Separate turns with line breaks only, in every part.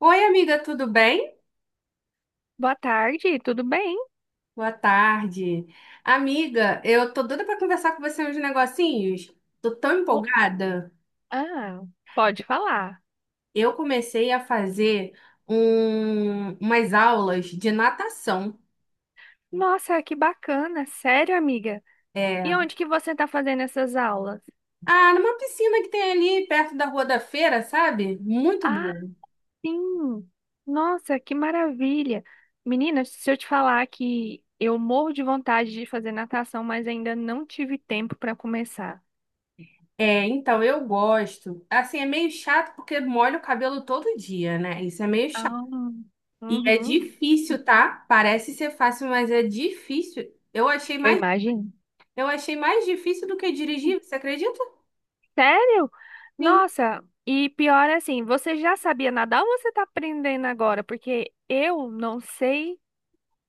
Oi, amiga, tudo bem?
Boa tarde, tudo bem?
Boa tarde. Amiga, eu tô doida pra conversar com você uns negocinhos. Tô tão
Oh,
empolgada.
ah, pode falar.
Eu comecei a fazer umas aulas de natação.
Nossa, que bacana, sério, amiga. E
É,
onde que você está fazendo essas aulas?
ah, numa piscina que tem ali perto da Rua da Feira, sabe? Muito
Ah,
bom.
sim. Nossa, que maravilha. Menina, se eu te falar que eu morro de vontade de fazer natação, mas ainda não tive tempo para começar.
É, então eu gosto. Assim, é meio chato porque molho o cabelo todo dia, né? Isso é meio chato.
Ah,
E é
uhum.
difícil, tá? Parece ser fácil, mas é difícil.
Eu imagino.
Eu achei mais difícil do que dirigir, você acredita?
Sério?
Sim,
Nossa, e pior assim, você já sabia nadar ou você está aprendendo agora? Porque eu não sei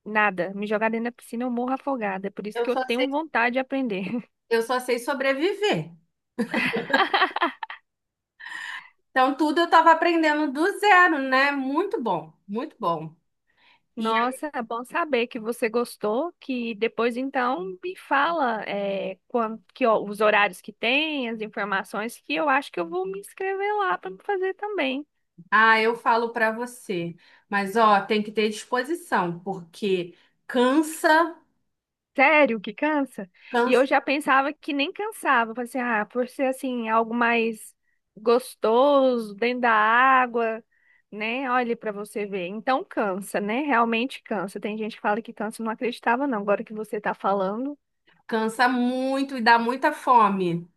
nada. Me jogar dentro da piscina, eu morro afogada. Por isso
eu
que eu
só sei,
tenho vontade de aprender.
eu só sei sobreviver. Então, tudo eu estava aprendendo do zero, né? Muito bom, muito bom. E
Nossa, é bom saber que você gostou, que depois então me fala quando, ó, os horários que tem, as informações, que eu acho que eu vou me inscrever lá para fazer também.
ah, eu falo para você, mas ó, tem que ter disposição, porque cansa,
Sério que cansa? E eu
cansa,
já pensava que nem cansava. Falei assim, ah, por ser assim, algo mais gostoso, dentro da água, né? Olha pra você ver. Então cansa, né? Realmente cansa. Tem gente que fala que cansa, eu não acreditava, não. Agora que você tá falando.
cansa muito e dá muita fome.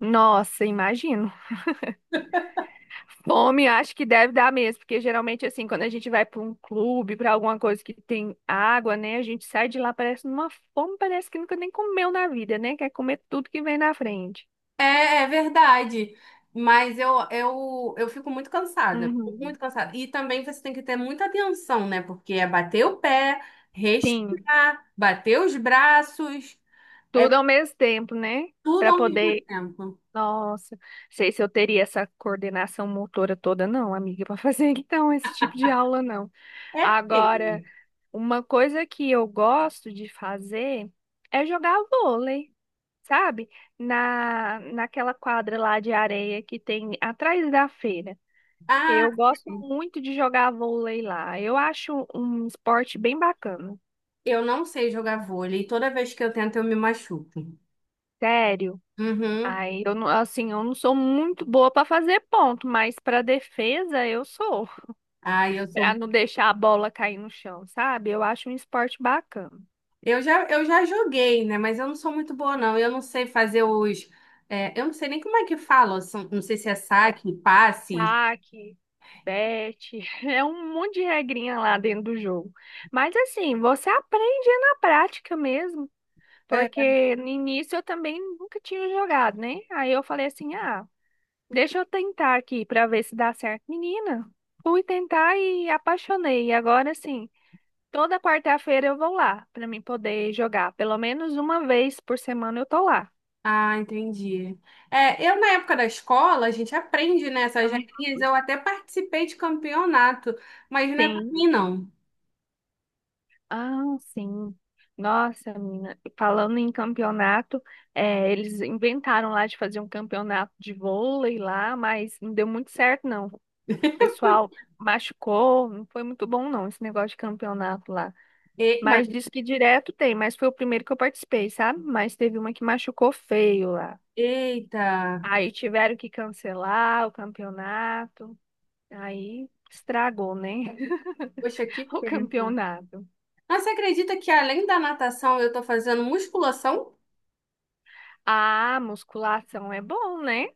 Nossa, imagino. Fome, acho que deve dar mesmo, porque geralmente assim, quando a gente vai pra um clube, pra alguma coisa que tem água, né? A gente sai de lá parece numa fome, parece que nunca nem comeu na vida, né? Quer comer tudo que vem na frente.
É, é verdade. Mas eu fico muito cansada,
Uhum.
muito cansada. E também você tem que ter muita atenção, né? Porque é bater o pé,
Sim,
respirar, bater os braços, é
tudo ao mesmo tempo, né?
tudo
Para
ao mesmo
poder.
tempo.
Nossa, sei se eu teria essa coordenação motora toda, não, amiga, para fazer então esse tipo de aula, não.
É feio.
Agora, uma coisa que eu gosto de fazer é jogar vôlei, sabe? Naquela quadra lá de areia que tem atrás da feira.
Ah,
Eu gosto muito de jogar vôlei lá. Eu acho um esporte bem bacana.
eu não sei jogar vôlei. Toda vez que eu tento, eu me machuco.
Sério.
Uhum.
Aí eu não, assim, eu não sou muito boa para fazer ponto, mas para defesa eu sou.
Ah, eu
Para
sou.
não deixar a bola cair no chão, sabe? Eu acho um esporte bacana.
Eu já joguei, né? Mas eu não sou muito boa, não. Eu não sei fazer os. É, eu não sei nem como é que fala. Não sei se é
É,
saque, passe.
taque, bete, é um monte de regrinha lá dentro do jogo. Mas assim, você aprende na prática mesmo, porque no início eu também nunca tinha jogado, né? Aí eu falei assim: "Ah, deixa eu tentar aqui para ver se dá certo". Menina, fui tentar e apaixonei. E agora assim, toda quarta-feira eu vou lá para mim poder jogar. Pelo menos uma vez por semana eu tô lá.
Ah, entendi. É, eu na época da escola, a gente aprende, né, essas
Então.
regrinhas. Eu até participei de campeonato, mas não é pra mim,
Sim.
não.
Ah, sim. Nossa, menina, falando em campeonato, eles inventaram lá de fazer um campeonato de vôlei lá, mas não deu muito certo, não. O pessoal machucou, não foi muito bom, não, esse negócio de campeonato lá.
E-
Mas
mas-
diz que direto tem, mas foi o primeiro que eu participei, sabe? Mas teve uma que machucou feio lá.
Eita,
Aí tiveram que cancelar o campeonato. Aí estragou, né?
poxa, que
O
pena.
campeonato.
Mas você acredita que além da natação eu tô fazendo musculação?
Ah, musculação é bom, né?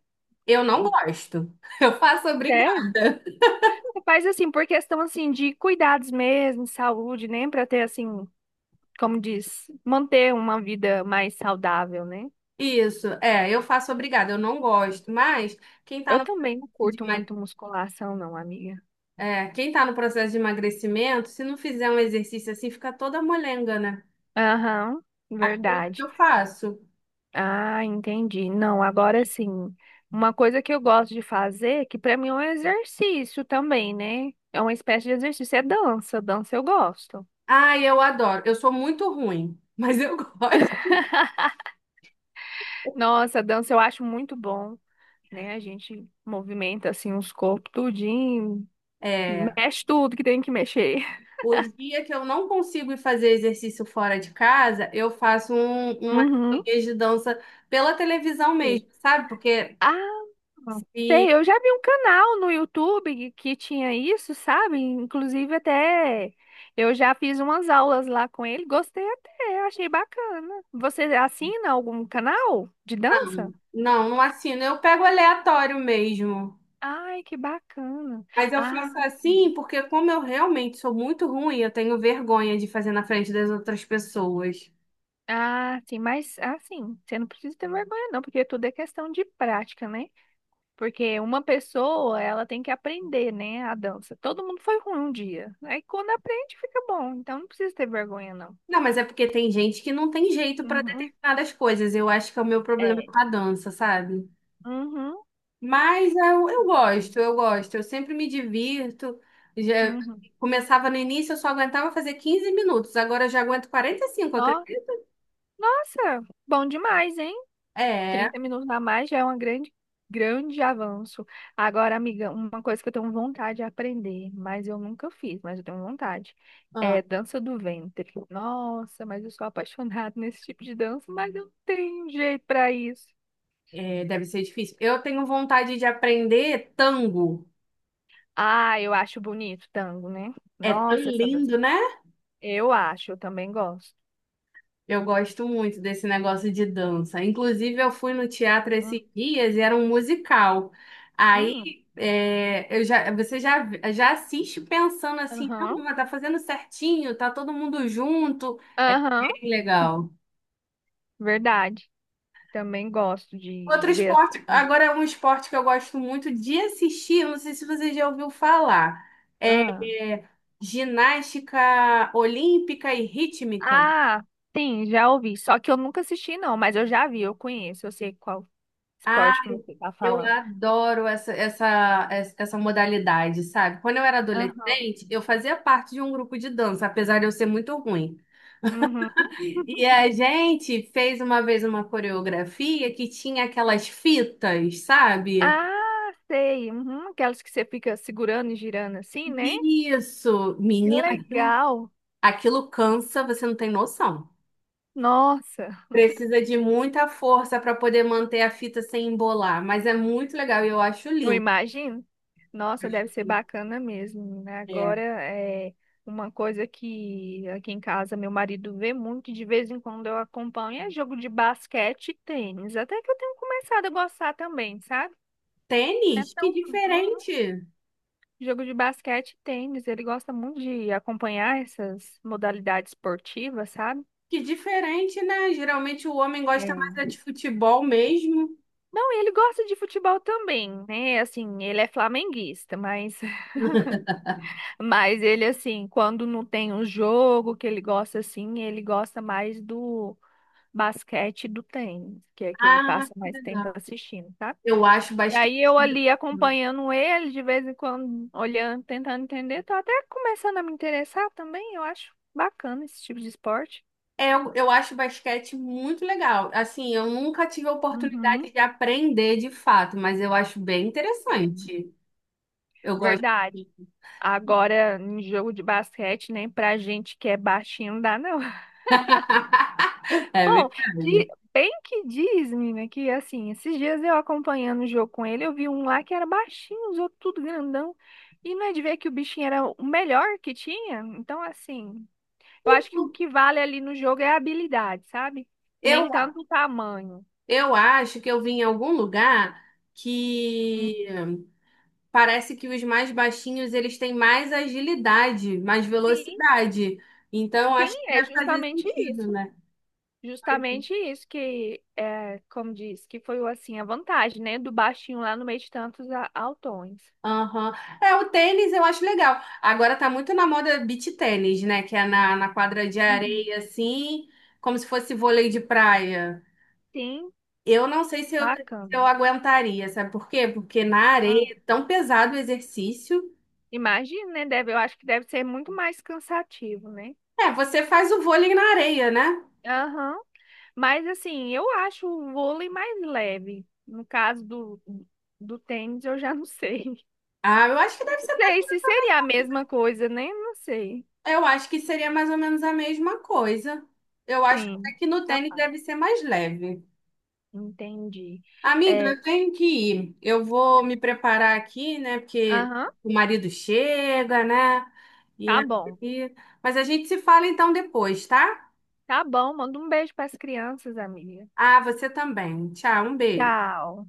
Eu não gosto. Eu faço
É,
obrigada.
você faz assim, por questão assim de cuidados mesmo, saúde, né? Pra ter assim, como diz, manter uma vida mais saudável, né?
Isso, é, eu faço obrigada, eu não gosto. Mas quem tá
Eu
no,
também não
de
curto
emag-
muito musculação, não, amiga.
é, quem tá no processo de emagrecimento, se não fizer um exercício assim, fica toda molenga, né?
Aham,
Acredito que
verdade.
eu faço.
Ah, entendi. Não, agora sim. Uma coisa que eu gosto de fazer, que pra mim é um exercício também, né? É uma espécie de exercício, é dança. Dança eu gosto.
Ai, eu adoro. Eu sou muito ruim, mas eu gosto.
Nossa, dança eu acho muito bom, né? A gente movimenta assim os corpos tudinho,
É,
mexe tudo que tem que mexer.
o dia que eu não consigo ir fazer exercício fora de casa, uma
Uhum.
academia de dança pela televisão
Sei.
mesmo, sabe? Porque
Ah, sei,
se-
eu já vi um canal no YouTube que tinha isso, sabe? Inclusive até eu já fiz umas aulas lá com ele, gostei até, achei bacana. Você assina algum canal de dança?
não, não assino. Eu pego aleatório mesmo.
Ai, que bacana.
Mas eu
Ah.
faço assim porque como eu realmente sou muito ruim, eu tenho vergonha de fazer na frente das outras pessoas.
Ah, sim, mas assim, você não precisa ter vergonha não, porque tudo é questão de prática, né? Porque uma pessoa, ela tem que aprender, né, a dança. Todo mundo foi ruim um dia. Aí quando aprende, fica bom. Então não precisa ter vergonha não.
Não, mas é porque tem gente que não tem jeito para
Uhum.
determinadas coisas. Eu acho que é o meu problema
É.
com a dança, sabe?
Uhum.
Mas eu
Sim.
gosto, eu gosto. Eu sempre me divirto. Já
Uhum.
começava no início, eu só aguentava fazer 15 minutos. Agora eu já aguento 45,
Nó-
acredita?
Nossa, bom demais, hein?
É,
30 minutos a mais já é um grande, grande avanço. Agora, amiga, uma coisa que eu tenho vontade de aprender, mas eu nunca fiz, mas eu tenho vontade,
ah,
é dança do ventre. Nossa, mas eu sou apaixonada nesse tipo de dança, mas eu não tenho jeito para isso.
deve ser difícil. Eu tenho vontade de aprender tango.
Ah, eu acho bonito tango, né?
É tão
Nossa, essa dança.
lindo, né?
Eu acho, eu também gosto.
Eu gosto muito desse negócio de dança. Inclusive, eu fui no teatro
Hum,
esses dias e era um musical.
hum.
Aí, é, eu já, você já, já assiste pensando assim, não,
Aham,
mas tá fazendo certinho, tá todo mundo junto. É
aham,
bem legal.
verdade. Também gosto de
Outro
ver,
esporte,
assim.
agora é um esporte que eu gosto muito de assistir, eu não sei se você já ouviu falar. É,
Ah.
é, ginástica olímpica e rítmica.
Ah, sim, já ouvi. Só que eu nunca assisti, não, mas eu já vi, eu conheço, eu sei qual
Ah.
esporte que você tá
Eu
falando.
adoro essa essa modalidade, sabe? Quando eu era
Aham.
adolescente, eu fazia parte de um grupo de dança, apesar de eu ser muito ruim.
Uhum.
E a gente fez uma vez uma coreografia que tinha aquelas fitas, sabe?
Ah, sei. Uhum. Aquelas que você fica segurando e girando assim, né?
Isso,
Que
menina,
legal.
aquilo cansa, você não tem noção.
Nossa,
Precisa de muita força para poder manter a fita sem embolar, mas é muito legal e eu acho
eu
lindo.
imagino. Nossa, deve ser bacana mesmo, né?
É.
Agora é uma coisa que aqui em casa meu marido vê muito, e de vez em quando eu acompanho, é jogo de basquete e tênis. Até que eu tenho começado a gostar também, sabe? Não é
Tênis, que
tão— Uhum.
diferente!
Jogo de basquete e tênis, ele gosta muito de acompanhar essas modalidades esportivas, sabe?
Que diferente, né? Geralmente o homem gosta
É.
mais é de futebol mesmo.
Não, ele gosta de futebol também, né? Assim, ele é flamenguista, mas, mas ele, assim, quando não tem um jogo que ele gosta, assim, ele gosta mais do basquete e do tênis, que é que ele
Ah,
passa
que
mais
legal.
tempo assistindo, sabe?
Eu acho
E
basquete.
aí eu ali acompanhando ele, de vez em quando, olhando, tentando entender, tô até começando a me interessar também, eu acho bacana esse tipo de esporte.
Eu acho basquete muito legal. Assim, eu nunca tive a oportunidade
Uhum,
de aprender de fato, mas eu acho bem
sim,
interessante. Eu gosto.
verdade. Agora, em jogo de basquete, nem pra gente que é baixinho não dá, não.
É
Bom, de-
verdade.
bem que diz, menina, que assim, esses dias eu acompanhando o jogo com ele, eu vi um lá que era baixinho, os outros tudo grandão. E não é de ver que o bichinho era o melhor que tinha? Então, assim. Eu acho que o que vale ali no jogo é a habilidade, sabe? Nem
Eu,
tanto o tamanho.
eu acho que eu vim em algum lugar
Hum.
que parece que os mais baixinhos eles têm mais agilidade, mais
Sim,
velocidade. Então,
sim,
acho que
é
deve fazer
justamente
sentido,
isso.
né?
Justamente isso que, como diz, que foi assim a vantagem, né? Do baixinho lá no meio de tantos altões.
Aham. É, o tênis eu acho legal. Agora tá muito na moda beach tênis, né? Que é na quadra de
Uhum.
areia, assim, como se fosse vôlei de praia.
Sim,
Eu não sei se eu
bacana.
aguentaria, sabe por quê? Porque na
Ah,
areia é tão pesado o exercício.
imagina, né? Eu acho que deve ser muito mais cansativo, né?
É, você faz o vôlei na areia, né?
Aham. Mas assim, eu acho o vôlei mais leve. No caso do tênis, eu já não sei.
Ah, eu acho que deve ser.
Sei se seria a mesma coisa, né? Não sei.
Eu acho que seria mais ou menos a mesma coisa. Eu acho até
Sim,
que no tênis
capaz.
deve ser mais leve.
Entendi.
Amiga,
É,
eu tenho que ir. Eu vou me preparar aqui, né? Porque
aham,
o marido chega, né? E
tá bom.
aí... Mas a gente se fala então depois, tá?
Tá bom, manda um beijo para as crianças, amiga.
Ah, você também. Tchau, um beijo.
Tchau.